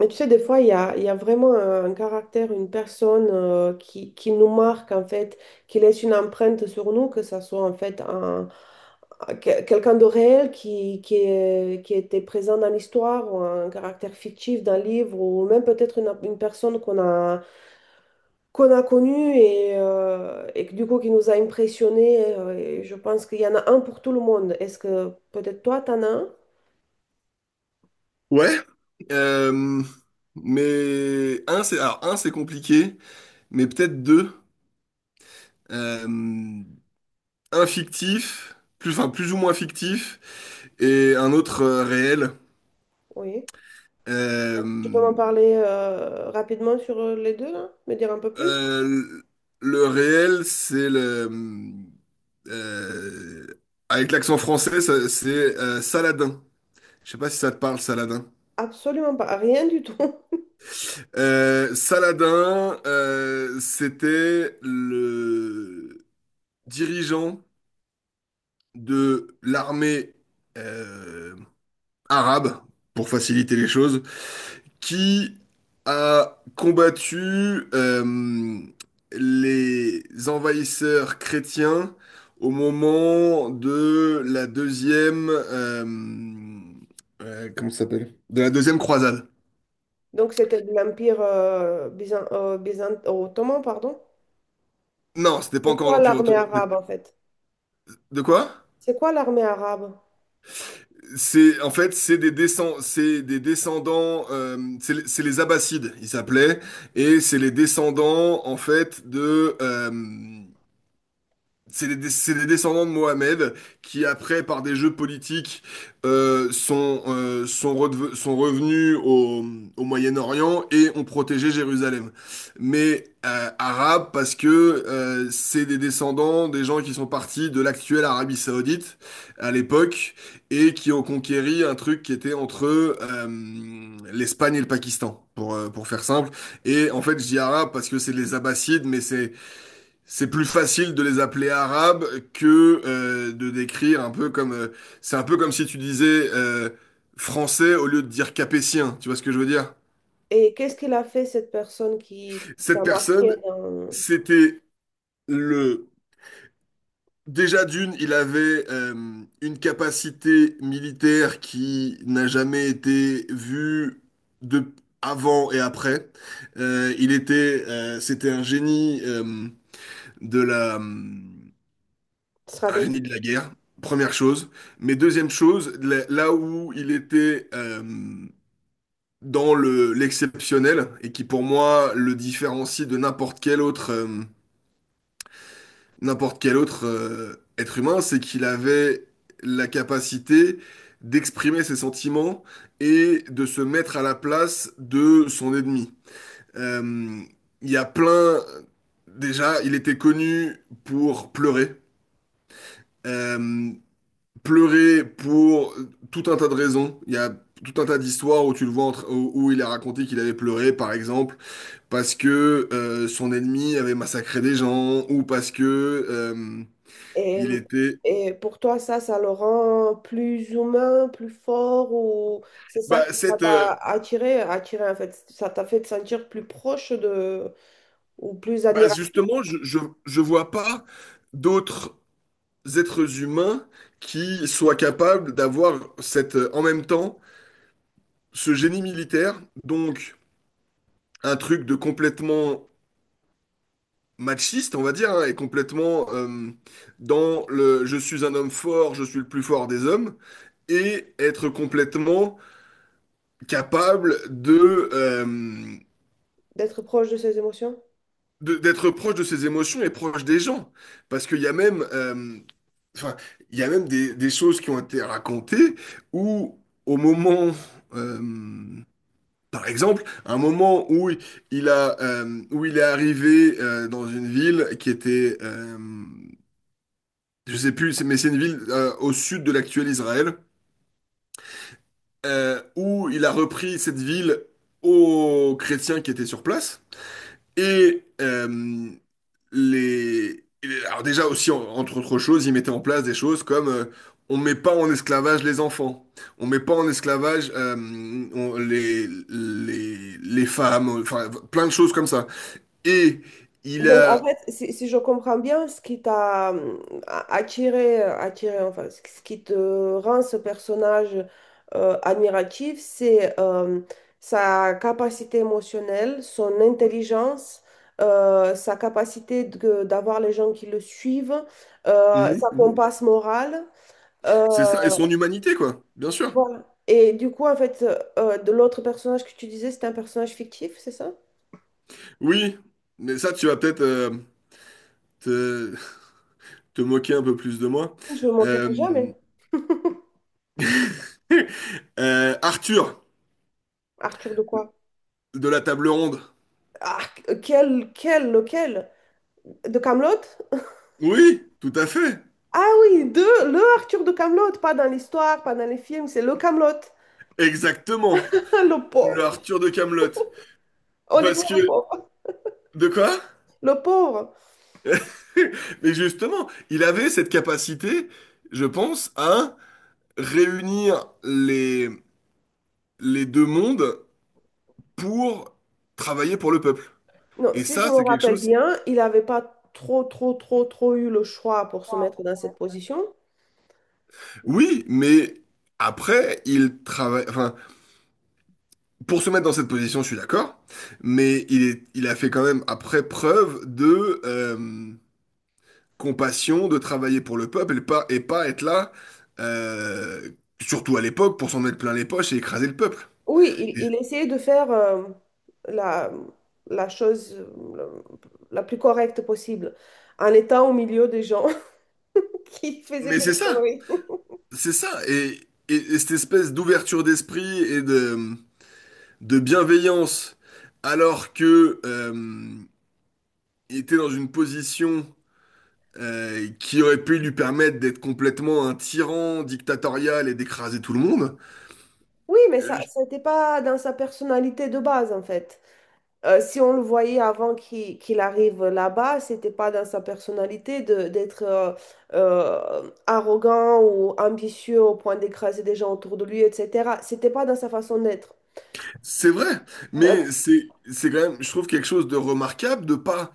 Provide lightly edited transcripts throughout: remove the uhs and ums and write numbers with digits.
Mais tu sais, des fois, il y a vraiment un caractère, une personne qui nous marque, en fait, qui laisse une empreinte sur nous, que ça soit, en fait, un, quelqu'un de réel qui qui était présent dans l'histoire, ou un caractère fictif d'un livre, ou même peut-être une personne qu'on a connue et que, du coup, qui nous a impressionnés. Euh, et je pense qu'il y en a un pour tout le monde. Est-ce que peut-être toi, t'en as un? Ouais, euh, mais un c'est compliqué, mais peut-être deux. Euh, un fictif, plus ou moins fictif, et un autre réel. Oui. Tu peux m'en Euh, parler rapidement sur les deux, là? Me dire un peu plus? euh, le réel c'est le euh, avec l'accent français c'est Saladin. Je sais pas si ça te parle Saladin. Absolument pas, rien du tout. Saladin, c'était le dirigeant de l'armée euh, arabe, pour faciliter les choses, qui a combattu les envahisseurs chrétiens au moment de la comment ça s'appelle? De la deuxième croisade. Donc c'était de l'Empire ottoman, pardon. Non, c'était pas C'est encore quoi l'Empire l'armée ottoman. arabe en fait? De quoi? C'est quoi l'armée arabe? C'est en fait c'est des descendants, c'est les Abbassides ils s'appelaient, et c'est les descendants en fait de c'est les descendants de Mohamed qui, après, par des jeux politiques, sont, sont revenus au Moyen-Orient et ont protégé Jérusalem. Mais arabes parce que c'est des descendants des gens qui sont partis de l'actuelle Arabie Saoudite à l'époque et qui ont conquéri un truc qui était entre l'Espagne et le Pakistan, pour faire simple. Et en fait, je dis arabe parce que c'est les Abbassides, mais c'est plus facile de les appeler arabes que de décrire un peu comme, c'est un peu comme si tu disais français au lieu de dire capétien, tu vois ce que je veux dire? Et qu'est-ce qu'il a fait cette personne qui Cette t'a marqué personne, dans c'était le déjà d'une, il avait une capacité militaire qui n'a jamais été vue de avant et après. Il était c'était un génie de la... Un génie de stratégie? la guerre, première chose. Mais deuxième chose, là où il était dans l'exceptionnel, et qui pour moi le différencie de n'importe quel autre, être humain, c'est qu'il avait la capacité d'exprimer ses sentiments et de se mettre à la place de son ennemi. Euh, Il y a plein... Déjà, il était connu pour pleurer. Euh, Pleurer pour tout un tas de raisons. Il y a tout un tas d'histoires où tu le où, où il a raconté qu'il avait pleuré, par exemple, parce que son ennemi avait massacré des gens, ou parce que euh, Et, il était. et pour toi, ça le rend plus humain, plus fort, ou c'est ça Bah, qui ça t'a attiré en fait, ça t'a fait te sentir plus proche de, ou plus admiratif? justement, je vois pas d'autres êtres humains qui soient capables d'avoir cette, en même temps, ce génie militaire, donc un truc de complètement machiste, on va dire, hein, et complètement dans le je suis un homme fort, je suis le plus fort des hommes, et être complètement capable D'être proche de ses émotions. D'être proche de ses émotions et proche des gens. Parce qu'il y a même, enfin, il y a même des choses qui ont été racontées où, au moment, euh, par exemple, un moment où il a, où il est arrivé dans une ville qui était, je sais plus, mais c'est une ville au sud de l'actuel Israël, où il a repris cette ville aux chrétiens qui étaient sur place. Et les... Alors déjà aussi, entre autres choses, ils mettaient en place des choses comme on met pas en esclavage les enfants, on met pas en esclavage les femmes, enfin plein de choses comme ça. Et il Donc, ouais, en a... fait, si je comprends bien, ce qui t'a attiré, enfin, ce qui te rend ce personnage admiratif, c'est sa capacité émotionnelle, son intelligence, sa capacité d'avoir les gens qui le suivent, sa Mhm, mhm. compasse morale. euh, C'est ça, et son humanité, quoi, bien sûr. voilà. Et du coup, en fait, de l'autre personnage que tu disais, c'était un personnage fictif, c'est ça? Oui, mais ça, tu vas peut-être... te, te moquer un peu plus de moi. Je me Euh, moquerai jamais. Arthur, Arthur de quoi? de la table ronde. Ah, lequel? De Kaamelott? Oui, tout à fait. Ah oui, de le Arthur de Kaamelott, pas dans l'histoire, pas dans les films, c'est le Kaamelott. Exactement. Le Le pauvre. Arthur de Kaamelott. Parce Honnêtement, le que... pauvre. De quoi? Le pauvre. Mais justement, il avait cette capacité, je pense, à réunir les deux mondes pour travailler pour le peuple. Non, Et si je ça, me c'est quelque rappelle chose... bien, il n'avait pas trop eu le choix pour se mettre dans cette position. Oui, mais après, il travaille... Enfin, pour se mettre dans cette position, je suis d'accord, mais il est, il a fait quand même après preuve de compassion, de travailler pour le peuple et pas être là, euh, surtout à l'époque, pour s'en mettre plein les poches et écraser le peuple. Oui, il, Et- il essayait de faire la, la chose la plus correcte possible, en étant au milieu des gens qui faisaient mais que c'est des ça, conneries. c'est ça, et, et cette espèce d'ouverture d'esprit de bienveillance, alors que il était dans une position qui aurait pu lui permettre d'être complètement un tyran dictatorial et d'écraser tout le monde. Oui, mais ça n'était pas dans sa personnalité de base, en fait. Si on le voyait avant qu'il arrive là-bas, c'était pas dans sa personnalité de d'être arrogant ou ambitieux au point d'écraser des gens autour de lui, etc. C'était pas dans sa façon d'être, C'est vrai, euh, mais c'est quand même, je trouve quelque chose de remarquable de pas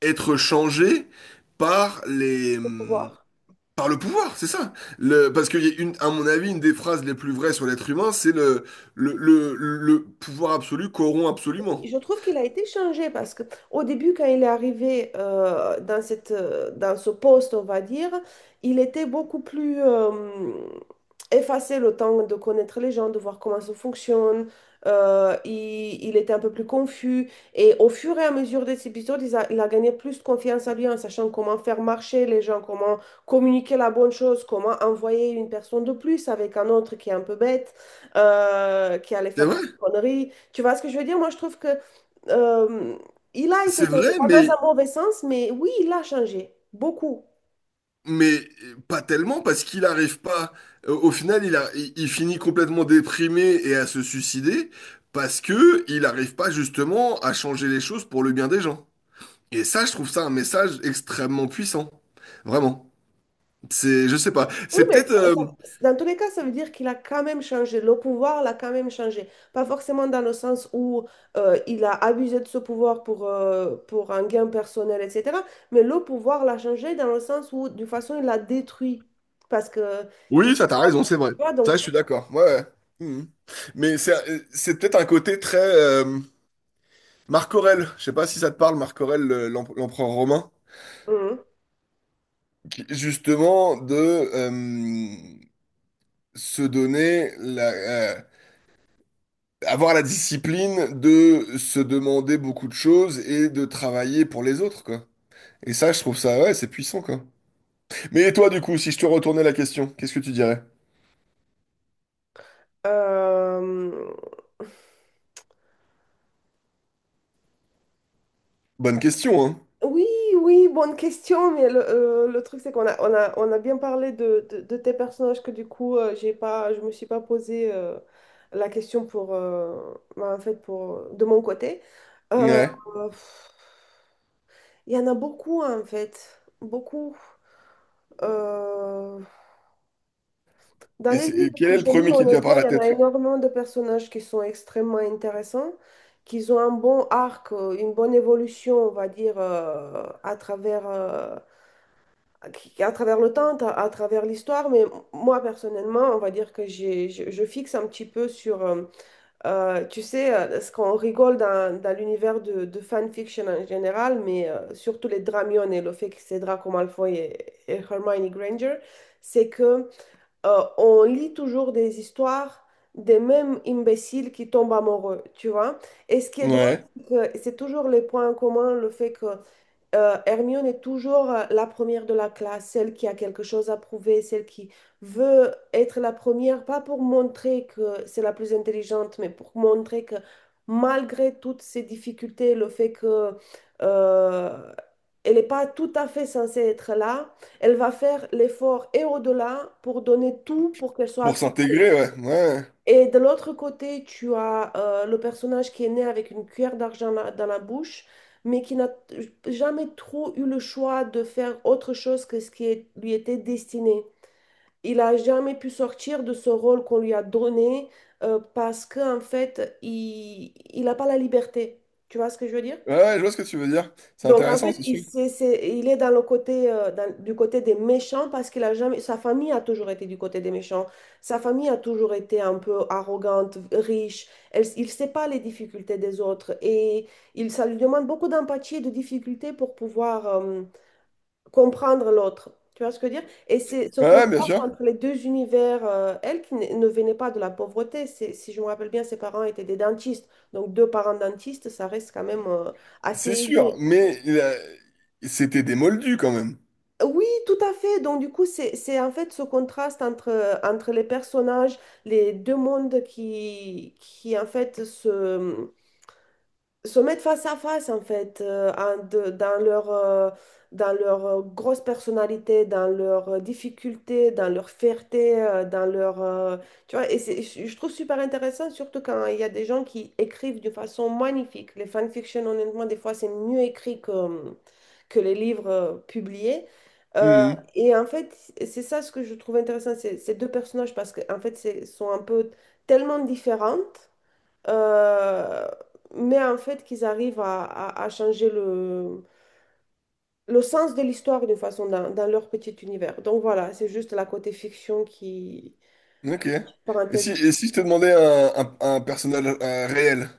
être changé par les de pouvoir. par le pouvoir, c'est ça. Parce que y a une, à mon avis, une des phrases les plus vraies sur l'être humain, c'est le le pouvoir absolu corrompt absolument. Je trouve qu'il a été changé parce que au début, quand il est arrivé dans dans ce poste, on va dire, il était beaucoup plus effacé le temps de connaître les gens, de voir comment ça fonctionne. Il était un peu plus confus. Et au fur et à mesure des épisodes, il a gagné plus de confiance en lui en sachant comment faire marcher les gens, comment communiquer la bonne chose, comment envoyer une personne de plus avec un autre qui est un peu bête, qui allait C'est faire vrai, quelques conneries. Tu vois ce que je veux dire? Moi, je trouve que euh, il a été c'est changé, vrai, pas dans mais un mauvais sens, mais oui, il a changé, beaucoup. mais pas tellement parce qu'il n'arrive pas. Au final, il finit complètement déprimé et à se suicider parce que il n'arrive pas justement à changer les choses pour le bien des gens. Et ça, je trouve ça un message extrêmement puissant. Vraiment. C'est, je sais pas. Oui, C'est mais peut-être. ça- ça- dans tous les cas, ça veut dire qu'il a quand même changé. Le pouvoir l'a quand même changé. Pas forcément dans le sens où il a abusé de ce pouvoir pour un gain personnel, etc. Mais le pouvoir l'a changé dans le sens où, d'une façon, il l'a détruit. Parce que, il, Oui, a ça, t'as pas- raison, tu c'est vrai. vois, donc, Ça, je suis d'accord. Ouais. Ouais. Mhm. Mais c'est peut-être un côté très. Marc Aurèle. Je sais pas si ça te parle, Marc Aurèle, l'empereur romain. mhm. Justement, de se donner la. euh, Avoir la discipline de se demander beaucoup de choses et de travailler pour les autres, quoi. Et ça, je trouve ça, ouais, c'est puissant, quoi. Mais toi, du coup, si je te retournais la question, qu'est-ce que tu dirais? Euh, Bonne question, hein? oui, oui, bonne question, mais le truc c'est qu'on a, on a, on a bien parlé de de tes personnages que du coup, j'ai pas, je me suis pas posé la question pour, bah, en fait, pour, de mon côté. Euh, Ouais. pff, Il y en a beaucoup en fait, beaucoup. Euh, dans les Et livres quel que est je le premier lis, qui te vient honnêtement, par la il y en a tête? énormément de personnages qui sont extrêmement intéressants, qui ont un bon arc, une bonne évolution, on va dire, à travers le temps, à travers l'histoire, mais moi personnellement, on va dire que je fixe un petit peu sur, tu sais, ce qu'on rigole dans l'univers de fanfiction en général, mais surtout les Dramion et le fait que c'est Draco Malfoy et Hermione Granger, c'est que on lit toujours des histoires des mêmes imbéciles qui tombent amoureux, tu vois. Et ce qui est drôle, Ouais. c'est que c'est toujours les points communs, le fait que Hermione est toujours la première de la classe, celle qui a quelque chose à prouver, celle qui veut être la première, pas pour montrer que c'est la plus intelligente, mais pour montrer que malgré toutes ces difficultés, le fait que euh, elle n'est pas tout à fait censée être là, elle va faire l'effort et au-delà pour donner tout pour qu'elle soit Pour acceptée. s'intégrer, ouais. Ouais. Et de l'autre côté, tu as le personnage qui est né avec une cuillère d'argent dans la bouche, mais qui n'a jamais trop eu le choix de faire autre chose que ce qui lui était destiné. Il a jamais pu sortir de ce rôle qu'on lui a donné parce qu'en fait, il n'a pas la liberté. Tu vois ce que je veux dire? Ouais, ouais, je vois ce que tu veux dire. C'est Donc, en intéressant, fait, c'est sûr. Il est dans le côté, du côté des méchants parce qu'il a jamais, sa famille a toujours été du côté des méchants. Sa famille a toujours été un peu arrogante, riche. Il ne sait pas les difficultés des autres et ça lui demande beaucoup d'empathie et de difficulté pour pouvoir, comprendre l'autre. Tu vois ce que je veux dire? Et c'est ce Ouais, ouais, bien contraste sûr. entre les deux univers, elle qui ne venait pas de la pauvreté, c'est, si je me rappelle bien, ses parents étaient des dentistes. Donc, deux parents dentistes, ça reste quand même, assez C'est sûr, aisé. mais c'était des moldus quand même. Oui, tout à fait. Donc, du coup, c'est en fait ce contraste entre les personnages, les deux mondes qui en fait, se mettre face à face en fait dans leur grosse personnalité dans leurs difficultés dans leur fierté dans leur tu vois et je trouve super intéressant surtout quand il y a des gens qui écrivent de façon magnifique les fanfictions honnêtement des fois c'est mieux écrit que les livres publiés. Euh, Mhm. et en fait c'est ça ce que je trouve intéressant c'est ces deux personnages parce que en fait sont un peu tellement différentes euh, mais en fait, qu'ils arrivent à changer le sens de l'histoire d'une façon dans leur petit univers. Donc voilà, c'est juste la côté fiction qui, Ok. Parenthèse, Et si je te demandais un personnage réel?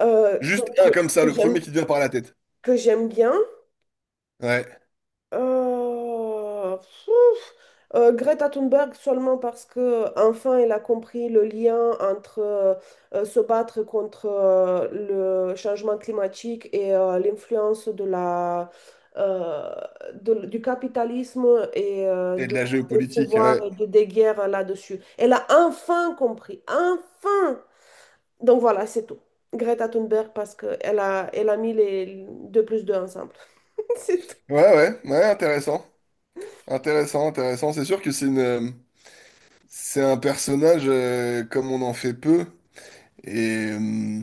euh, que, Juste un que- comme ça, que le premier j'aime, qui te vient par la tête. que j'aime bien. Ouais. Pfouf. Greta Thunberg seulement parce que enfin elle a compris le lien entre se battre contre le changement climatique et l'influence de la euh, du capitalisme et euh, Et de de, la du géopolitique, pouvoir ouais. et des guerres là-dessus. Elle a enfin compris, enfin. Donc voilà, c'est tout. Greta Thunberg parce que elle a mis les deux plus deux ensemble. C'est tout. Ouais, ouais, ouais, intéressant. Intéressant, intéressant. C'est sûr que c'est une. C'est un personnage comme on en fait peu et, euh,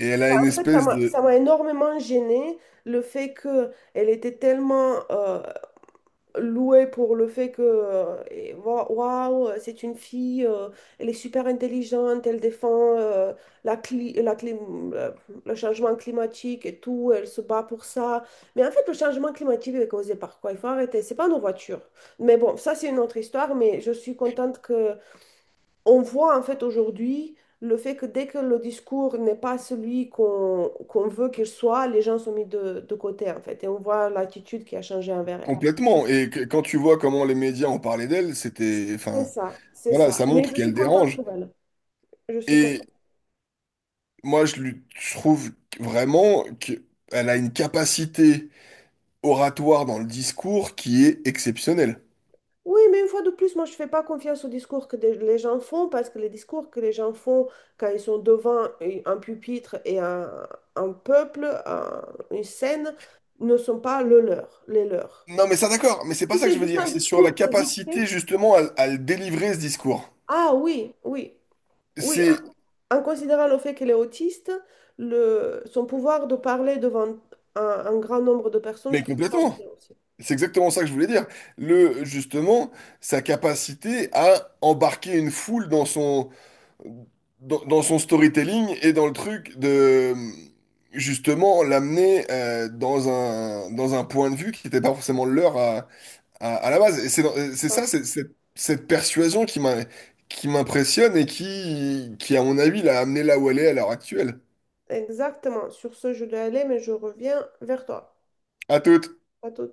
et elle a une En fait, espèce ça de m'a énormément gênée le fait qu'elle était tellement louée pour le fait que waouh, c'est une fille, elle est super intelligente, elle défend la cli- la clim- le changement climatique et tout, elle se bat pour ça. Mais en fait, le changement climatique est causé par quoi? Il faut arrêter, c'est pas nos voitures. Mais bon, ça c'est une autre histoire, mais je suis contente que on voit en fait aujourd'hui le fait que dès que le discours n'est pas celui qu'on veut qu'il soit, les gens sont mis de côté en fait. Et on voit l'attitude qui a changé envers elle. complètement quand tu vois comment les médias ont parlé d'elle, c'était enfin C'est voilà, ça. ça Mais montre je suis qu'elle contente dérange pour elle. Je suis contente. et moi je lui je trouve vraiment qu'elle a une capacité oratoire dans le discours qui est exceptionnelle. Oui, mais une fois de plus, moi, je ne fais pas confiance aux discours que les gens font parce que les discours que les gens font quand ils sont devant un pupitre et un peuple, une scène, ne sont pas le leur, les leurs. Non mais ça d'accord, mais c'est pas Si ça que c'est je veux juste dire, un c'est sur la discours, c'est vite fait. capacité justement à le délivrer ce discours. Ah oui, oui. C'est En considérant le fait qu'elle est autiste, son pouvoir de parler devant un grand nombre de personnes, mais je trouve ça complètement. bien aussi. C'est exactement ça que je voulais dire. Justement, sa capacité à embarquer une foule dans son, dans son storytelling et dans le truc de, justement, l'amener dans un point de vue qui n'était pas forcément le leur à la base. Et c'est dans- c'est Voilà. ça, c'est- Cette persuasion qui m'a, qui m'impressionne qui, à mon avis, l'a amené là où elle est à l'heure actuelle. Exactement. Sur ce, je dois aller, mais je reviens vers toi. À toute. À tout.